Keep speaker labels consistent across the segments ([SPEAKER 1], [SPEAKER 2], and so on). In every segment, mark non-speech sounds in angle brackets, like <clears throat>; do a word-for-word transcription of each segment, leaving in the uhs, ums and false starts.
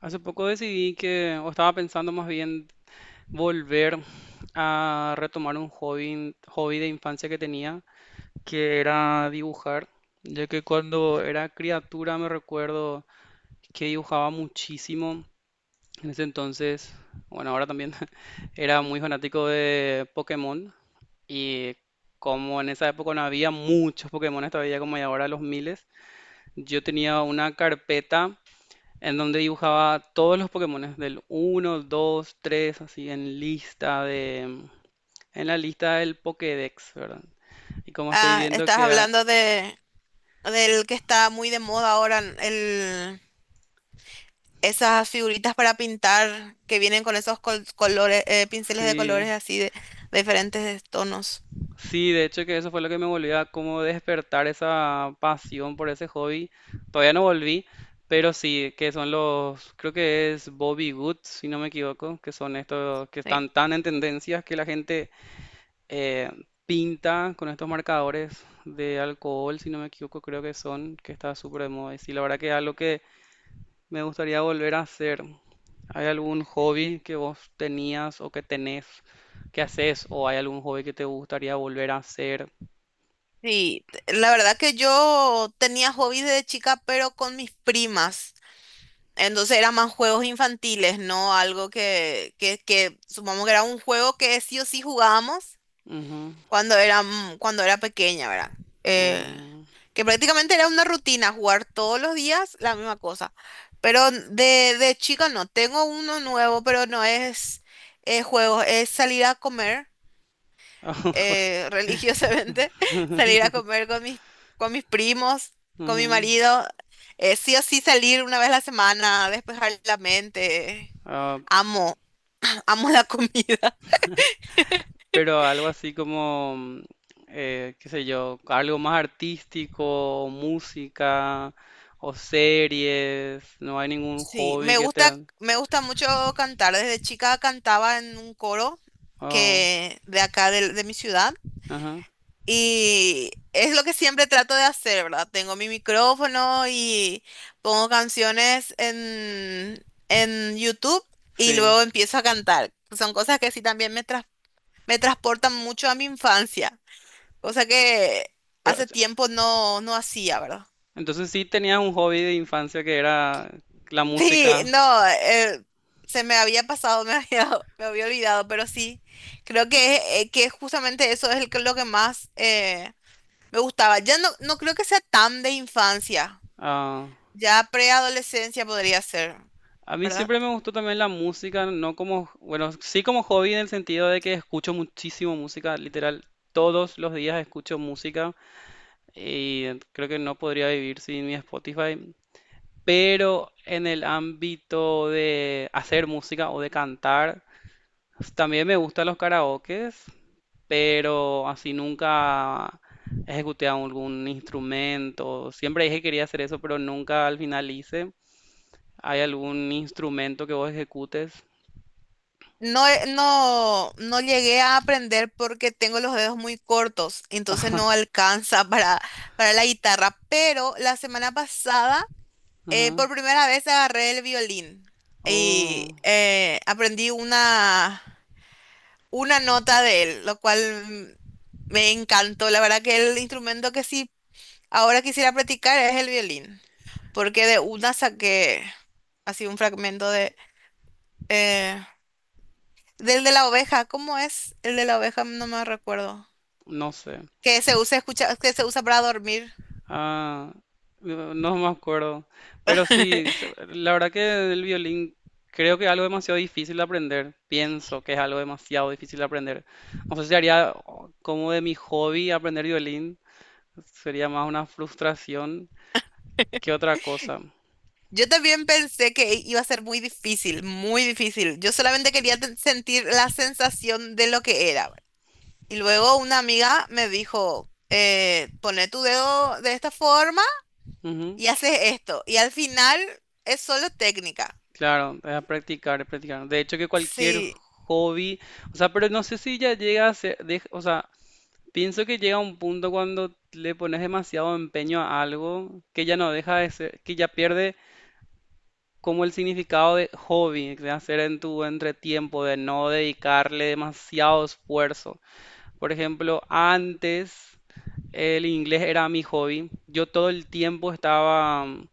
[SPEAKER 1] Hace poco decidí que, o estaba pensando más bien, volver a retomar un hobby, hobby de infancia que tenía, que era dibujar, ya que cuando era criatura me recuerdo que dibujaba muchísimo. En ese entonces, bueno, ahora también <laughs> era muy fanático de Pokémon y como en esa época no había muchos Pokémon todavía como hay ahora los miles, yo tenía una carpeta en donde dibujaba todos los Pokémones del uno dos tres así en lista de, en la lista del Pokédex, ¿verdad? Y como estoy
[SPEAKER 2] Ah,
[SPEAKER 1] viendo
[SPEAKER 2] estás
[SPEAKER 1] que hay-
[SPEAKER 2] hablando de del que está muy de moda ahora, el, esas figuritas para pintar que vienen con esos col- colores, eh, pinceles de colores
[SPEAKER 1] sí,
[SPEAKER 2] así de, de diferentes tonos.
[SPEAKER 1] sí, de hecho que eso fue lo que me volvió a como despertar esa pasión por ese hobby. Todavía no volví, pero sí, que son los, creo que es Bobby Goods, si no me equivoco, que son estos que
[SPEAKER 2] Sí.
[SPEAKER 1] están tan en tendencias que la gente eh, pinta con estos marcadores de alcohol, si no me equivoco, creo que son, que está súper de moda. Y sí, la verdad que es algo que me gustaría volver a hacer. ¿Hay algún hobby que vos tenías o que tenés que haces? ¿O hay algún hobby que te gustaría volver a hacer?
[SPEAKER 2] Sí, t- la verdad que yo tenía hobbies de chica, pero con mis primas. Entonces eran más juegos infantiles, ¿no? Algo que, que, que supongamos que era un juego que sí o sí jugábamos
[SPEAKER 1] Ujú.
[SPEAKER 2] cuando era, mm, cuando era pequeña, ¿verdad? Eh,
[SPEAKER 1] mm,
[SPEAKER 2] que prácticamente era una rutina jugar todos los días la misma cosa. Pero de, de chica no, tengo uno nuevo, pero no es eh, juegos, es salir a comer
[SPEAKER 1] <laughs> ah,
[SPEAKER 2] eh, <laughs> religiosamente, salir a comer con mis, con mis primos, con mi
[SPEAKER 1] ujú.
[SPEAKER 2] marido, eh, sí o sí salir una vez a la semana, despejar la mente.
[SPEAKER 1] Ah,
[SPEAKER 2] Amo, <clears throat> amo la comida.
[SPEAKER 1] pero algo así como, mm, eh, qué sé yo, algo más artístico, música o series, no hay ningún
[SPEAKER 2] Sí,
[SPEAKER 1] hobby
[SPEAKER 2] me
[SPEAKER 1] que
[SPEAKER 2] gusta,
[SPEAKER 1] te...
[SPEAKER 2] me gusta mucho cantar. Desde chica cantaba en un coro
[SPEAKER 1] Oh,
[SPEAKER 2] que de acá del- de, mi ciudad
[SPEAKER 1] ajá,
[SPEAKER 2] y es lo que siempre trato de hacer, ¿verdad? Tengo mi micrófono y pongo canciones en, en YouTube y
[SPEAKER 1] sí.
[SPEAKER 2] luego empiezo a cantar. Son cosas que sí también me, tras- me transportan mucho a mi infancia, cosa que
[SPEAKER 1] Pero, o
[SPEAKER 2] hace
[SPEAKER 1] sea,
[SPEAKER 2] tiempo no, no hacía, ¿verdad?
[SPEAKER 1] entonces sí tenías un hobby de infancia que era la
[SPEAKER 2] Sí,
[SPEAKER 1] música.
[SPEAKER 2] no, eh, se me había pasado, me había, <laughs> me había olvidado, pero sí, creo que, eh, que justamente eso es el que- lo que más eh, me gustaba. Ya no, no creo que sea tan de infancia,
[SPEAKER 1] Ah,
[SPEAKER 2] ya preadolescencia podría ser,
[SPEAKER 1] a mí
[SPEAKER 2] ¿verdad?
[SPEAKER 1] siempre me gustó también la música, no como, bueno, sí como hobby en el sentido de que escucho muchísimo música, literal, todos los días escucho música. Y creo que no podría vivir sin mi Spotify. Pero en el ámbito de hacer música o de cantar, también me gustan los karaokes, pero así nunca ejecuté algún instrumento. Siempre dije que quería hacer eso, pero nunca al final hice. ¿Hay algún instrumento que vos ejecutes?
[SPEAKER 2] No, eh, no, no llegué a aprender porque tengo los dedos muy cortos, entonces no
[SPEAKER 1] <laughs>
[SPEAKER 2] alcanza para, para la guitarra, pero la semana pasada... Eh,
[SPEAKER 1] Ajá.
[SPEAKER 2] por primera vez agarré el violín y
[SPEAKER 1] Oh,
[SPEAKER 2] eh, aprendí una, una nota de él, lo cual mm, me encantó. La verdad que el instrumento que sí ahora quisiera practicar es el violín, porque de una saqué así un fragmento de eh, del de la oveja. ¿Cómo es el de la oveja? No me recuerdo.
[SPEAKER 1] no sé.
[SPEAKER 2] Que se usa escucha, que se usa para dormir.
[SPEAKER 1] Ah, no no me acuerdo. Pero sí,
[SPEAKER 2] <laughs>
[SPEAKER 1] se- la verdad que el violín creo que es algo demasiado difícil de aprender. Pienso que es algo demasiado difícil de aprender. No sé si haría oh, como de mi hobby aprender violín. Sería más una frustración que otra cosa.
[SPEAKER 2] Yo también pensé que iba a ser muy difícil, muy difícil. Yo solamente quería ten- sentir la sensación de lo que era. Y luego una amiga me dijo, eh, poné tu dedo de esta forma
[SPEAKER 1] Ujú,
[SPEAKER 2] y haces esto. Y al final es solo técnica.
[SPEAKER 1] claro, es practicar, es practicar. De hecho que cualquier
[SPEAKER 2] Sí,
[SPEAKER 1] hobby, o sea, pero no sé si ya llega a ser, dej- o sea, pienso que llega un punto cuando le pones demasiado empeño a algo que ya no deja de ser, que ya pierde como el significado de hobby, de hacer en tu entretiempo, de no dedicarle demasiado esfuerzo. Por ejemplo, antes el inglés era mi hobby. Yo todo el tiempo estaba mm,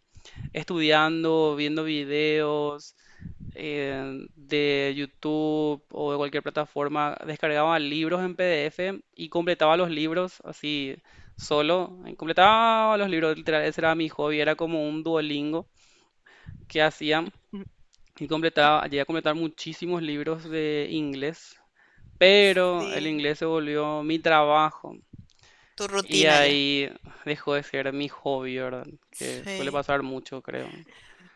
[SPEAKER 1] estudiando, viendo videos eh, de YouTube o de cualquier plataforma. Descargaba libros en PDF y completaba los libros así solo. eh, Completaba los libros, literal. Ese era mi hobby. Era como un Duolingo que hacía
[SPEAKER 2] mm,
[SPEAKER 1] y completaba, llegué a completar muchísimos libros de inglés. Pero el
[SPEAKER 2] sí.
[SPEAKER 1] inglés se volvió mi trabajo.
[SPEAKER 2] Tu
[SPEAKER 1] Y
[SPEAKER 2] rutina ya.
[SPEAKER 1] ahí dejó de ser mi hobby, ¿verdad? Que suele
[SPEAKER 2] Sí.
[SPEAKER 1] pasar mucho, creo.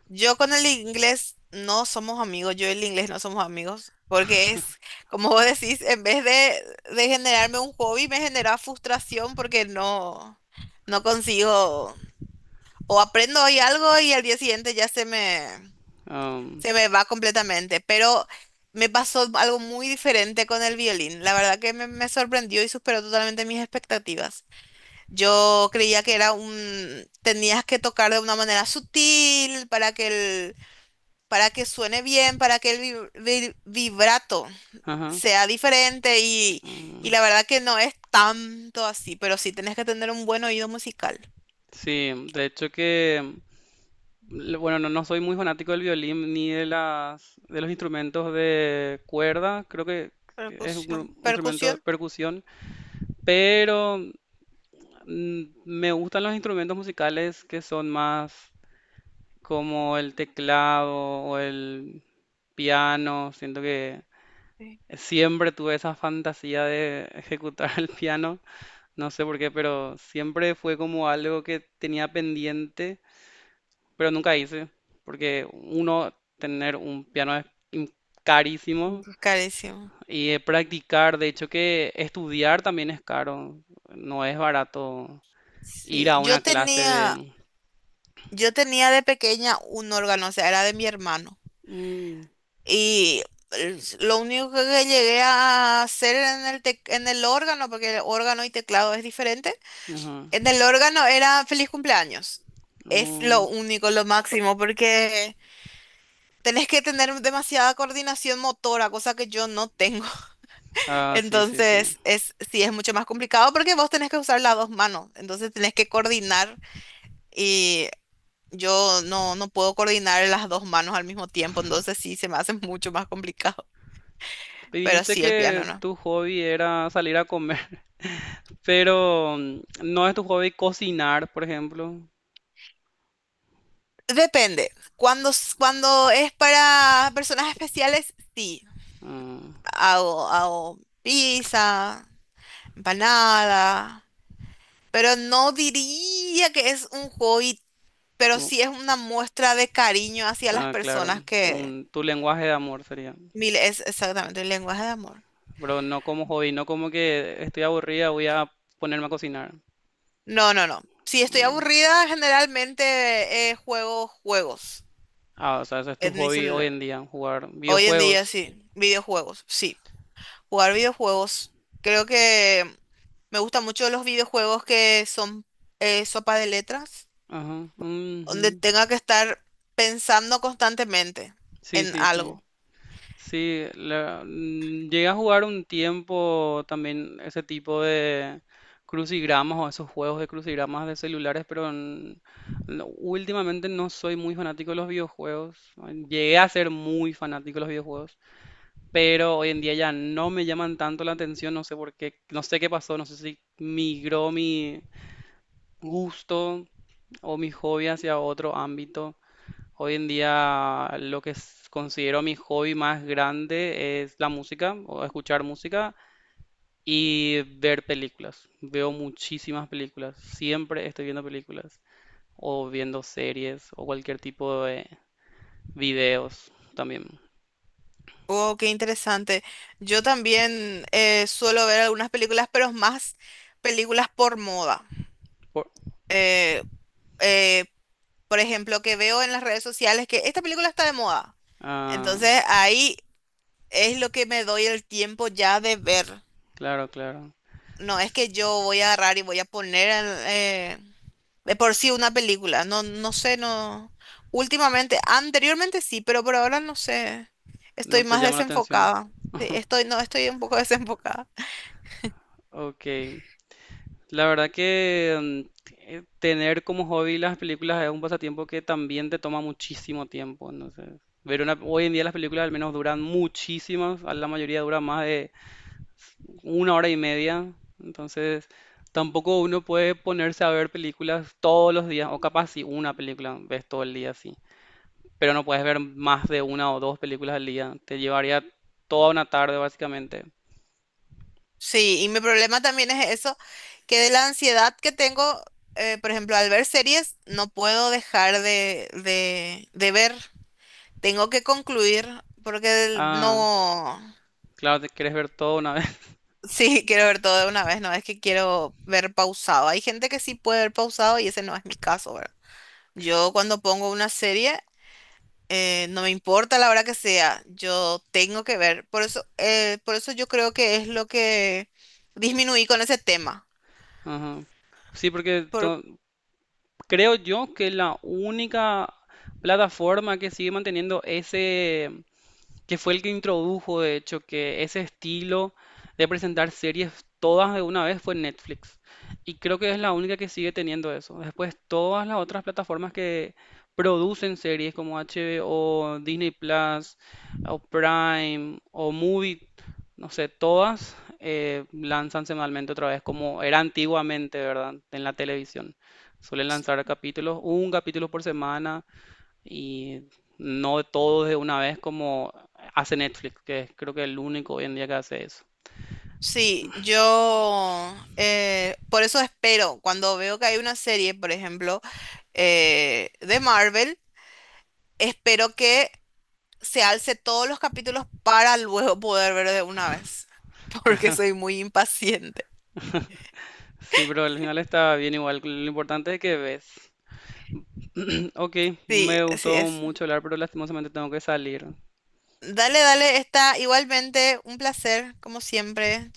[SPEAKER 2] Yo con el inglés no somos amigos, yo y el inglés no somos amigos, porque es, como vos decís, en vez de, de generarme un hobby, me genera frustración porque no, no consigo, o aprendo hoy algo y al día siguiente ya se me,
[SPEAKER 1] Am,
[SPEAKER 2] se me va completamente. Pero me pasó algo muy diferente con el violín. La verdad que me, me sorprendió y superó totalmente mis expectativas. Yo creía que era un, tenías que tocar de una manera sutil para que el para que suene bien, para que el vi- vi- vibrato
[SPEAKER 1] ajá.
[SPEAKER 2] sea diferente y,
[SPEAKER 1] mm,
[SPEAKER 2] y la verdad que no es tanto así, pero sí tenés que tener un buen oído musical.
[SPEAKER 1] sí, de hecho que, le- bueno, no, no soy muy fanático del violín ni de las, de los instrumentos de cuerda, creo que es un,
[SPEAKER 2] Percusión,
[SPEAKER 1] gru- un instrumento de
[SPEAKER 2] percusión,
[SPEAKER 1] percusión, pero mm, me gustan los instrumentos musicales que son más como el teclado o el piano, siento que... Siempre tuve esa fantasía de <laughs> ejecutar el piano, no sé por qué, pero siempre fue como algo que tenía pendiente, pero nunca hice, porque uno, tener un piano es im- carísimo
[SPEAKER 2] ujú. Carísimo.
[SPEAKER 1] y eh, practicar, de hecho que estudiar también es caro, no es barato ir
[SPEAKER 2] Sí,
[SPEAKER 1] a
[SPEAKER 2] yo
[SPEAKER 1] una clase
[SPEAKER 2] tenía,
[SPEAKER 1] de...
[SPEAKER 2] yo tenía de pequeña un órgano, o sea, era de mi hermano.
[SPEAKER 1] Mm,
[SPEAKER 2] Y el- lo único que llegué a hacer en el, tec- en el órgano, porque el órgano y teclado es diferente,
[SPEAKER 1] ajá,
[SPEAKER 2] en el órgano era feliz cumpleaños. Es lo
[SPEAKER 1] mm.
[SPEAKER 2] único, lo máximo, porque tenés que tener demasiada coordinación motora, cosa que yo no tengo. <laughs>
[SPEAKER 1] Ah, sí, sí, sí.
[SPEAKER 2] Entonces, es, sí, es mucho más complicado porque vos tenés que usar las dos manos. Entonces, tenés que coordinar y yo no, no puedo coordinar las dos manos al mismo tiempo. Entonces, sí, se me hace <laughs> mucho más complicado.
[SPEAKER 1] Y
[SPEAKER 2] Pero
[SPEAKER 1] dijiste
[SPEAKER 2] sí, el piano
[SPEAKER 1] que
[SPEAKER 2] no.
[SPEAKER 1] tu hobby era salir a comer. Pero, mm, ¿no es tu hobby cocinar, por ejemplo?
[SPEAKER 2] Depende. Cuando, s- cuando es para personas especiales, sí.
[SPEAKER 1] Ah,
[SPEAKER 2] Hago, hago pizza, para nada. Pero no diría que es un hobby, pero
[SPEAKER 1] como-
[SPEAKER 2] sí es una muestra de cariño hacia las
[SPEAKER 1] ah, claro,
[SPEAKER 2] personas que...
[SPEAKER 1] un, tu lenguaje de amor sería.
[SPEAKER 2] Mil es exactamente el lenguaje de amor.
[SPEAKER 1] Pero no como hobby, no como que estoy aburrida, voy a ponerme a cocinar.
[SPEAKER 2] No, no, no. Si estoy
[SPEAKER 1] Ah,
[SPEAKER 2] aburrida, generalmente eh, juego juegos
[SPEAKER 1] ah, o sea, ese es tu
[SPEAKER 2] en mi
[SPEAKER 1] hobby hoy
[SPEAKER 2] celular.
[SPEAKER 1] en día, jugar
[SPEAKER 2] Hoy en día
[SPEAKER 1] videojuegos.
[SPEAKER 2] sí, videojuegos, sí. Jugar videojuegos. Creo que me gustan mucho los videojuegos que son eh, sopa de letras,
[SPEAKER 1] Ajá,
[SPEAKER 2] donde
[SPEAKER 1] ujú.
[SPEAKER 2] tenga que estar pensando constantemente
[SPEAKER 1] Sí,
[SPEAKER 2] en
[SPEAKER 1] sí, sí.
[SPEAKER 2] algo.
[SPEAKER 1] Sí, la- mm, llegué a jugar un tiempo también ese tipo de crucigramas o esos juegos de crucigramas de celulares, pero n- no- últimamente no soy muy fanático de los videojuegos. Llegué a ser muy fanático de los videojuegos, pero hoy en día ya no me llaman tanto la atención, no sé por qué, no sé qué pasó, no sé si migró mi gusto o mi hobby hacia otro ámbito. Hoy en día lo que s- considero mi hobby más grande es la música, o escuchar música y ver películas. Veo muchísimas películas, siempre estoy viendo películas o viendo series o cualquier tipo de videos también.
[SPEAKER 2] Oh, qué interesante. Yo también eh, suelo ver algunas películas, pero más películas por moda.
[SPEAKER 1] Por-
[SPEAKER 2] Eh, eh, por ejemplo, que veo en las redes sociales que esta película está de moda.
[SPEAKER 1] Ah,
[SPEAKER 2] Entonces ahí es lo que me doy el tiempo ya de ver.
[SPEAKER 1] claro, claro.
[SPEAKER 2] No es que yo voy a agarrar y voy a poner en, eh, de por sí una película. No, no sé, no. Últimamente, anteriormente sí, pero por ahora no sé.
[SPEAKER 1] No
[SPEAKER 2] Estoy
[SPEAKER 1] te
[SPEAKER 2] más
[SPEAKER 1] llama la atención.
[SPEAKER 2] desenfocada. Sí, estoy, no, estoy un poco <laughs> desenfocada.
[SPEAKER 1] Ok. La verdad que mm, eh, tener como hobby las películas es un pasatiempo que también te toma muchísimo tiempo. Entonces, ver una, hoy en día las películas al menos duran muchísimas, a la mayoría dura más de una hora y media. Entonces, tampoco uno puede ponerse a ver películas todos los días, o capaz si una película ves todo el día, sí. Pero no puedes ver más de una o dos películas al día. Te llevaría toda una tarde, básicamente.
[SPEAKER 2] Sí, y mi problema también es eso, que de la ansiedad que tengo, eh, por ejemplo, al ver series, no puedo dejar de, de, de ver. Tengo que concluir porque
[SPEAKER 1] Ah,
[SPEAKER 2] no...
[SPEAKER 1] claro, te quieres ver todo una vez.
[SPEAKER 2] Sí, <laughs> quiero ver todo de una vez, no es que quiero ver pausado. Hay gente que sí puede ver pausado y ese no es mi caso, ¿verdad? Yo
[SPEAKER 1] <laughs>
[SPEAKER 2] cuando pongo una serie, eh, no me importa la hora que sea, yo tengo que ver. Por eso, eh, por eso yo creo que es lo que disminuí con ese tema.
[SPEAKER 1] Ajá. Sí, porque to- creo yo que la única plataforma que sigue manteniendo ese, que fue el que introdujo, de hecho, que ese estilo de presentar series todas de una vez fue Netflix. Y creo que es la única que sigue teniendo eso. Después, todas las otras plataformas que producen series como H B O, Disney Plus, o Prime, o Movie, no sé, todas eh, lanzan semanalmente otra vez, como era antiguamente, ¿verdad? En la televisión. Suelen lanzar capítulos, un capítulo por semana, y no todo de una vez como hace Netflix, que es creo que el único hoy en día que hace eso.
[SPEAKER 2] Sí, yo eh, por eso espero, cuando veo que hay una serie, por ejemplo, eh, de Marvel, espero que se alce todos los capítulos para luego poder ver de una vez, <laughs> porque soy muy impaciente.
[SPEAKER 1] Sí, pero al final está bien igual. Lo importante es que ves. <clears throat> Ok,
[SPEAKER 2] Sí,
[SPEAKER 1] me
[SPEAKER 2] así
[SPEAKER 1] gustó
[SPEAKER 2] es.
[SPEAKER 1] mucho hablar, pero lastimosamente tengo que salir.
[SPEAKER 2] Dale, dale, está igualmente un placer, como siempre.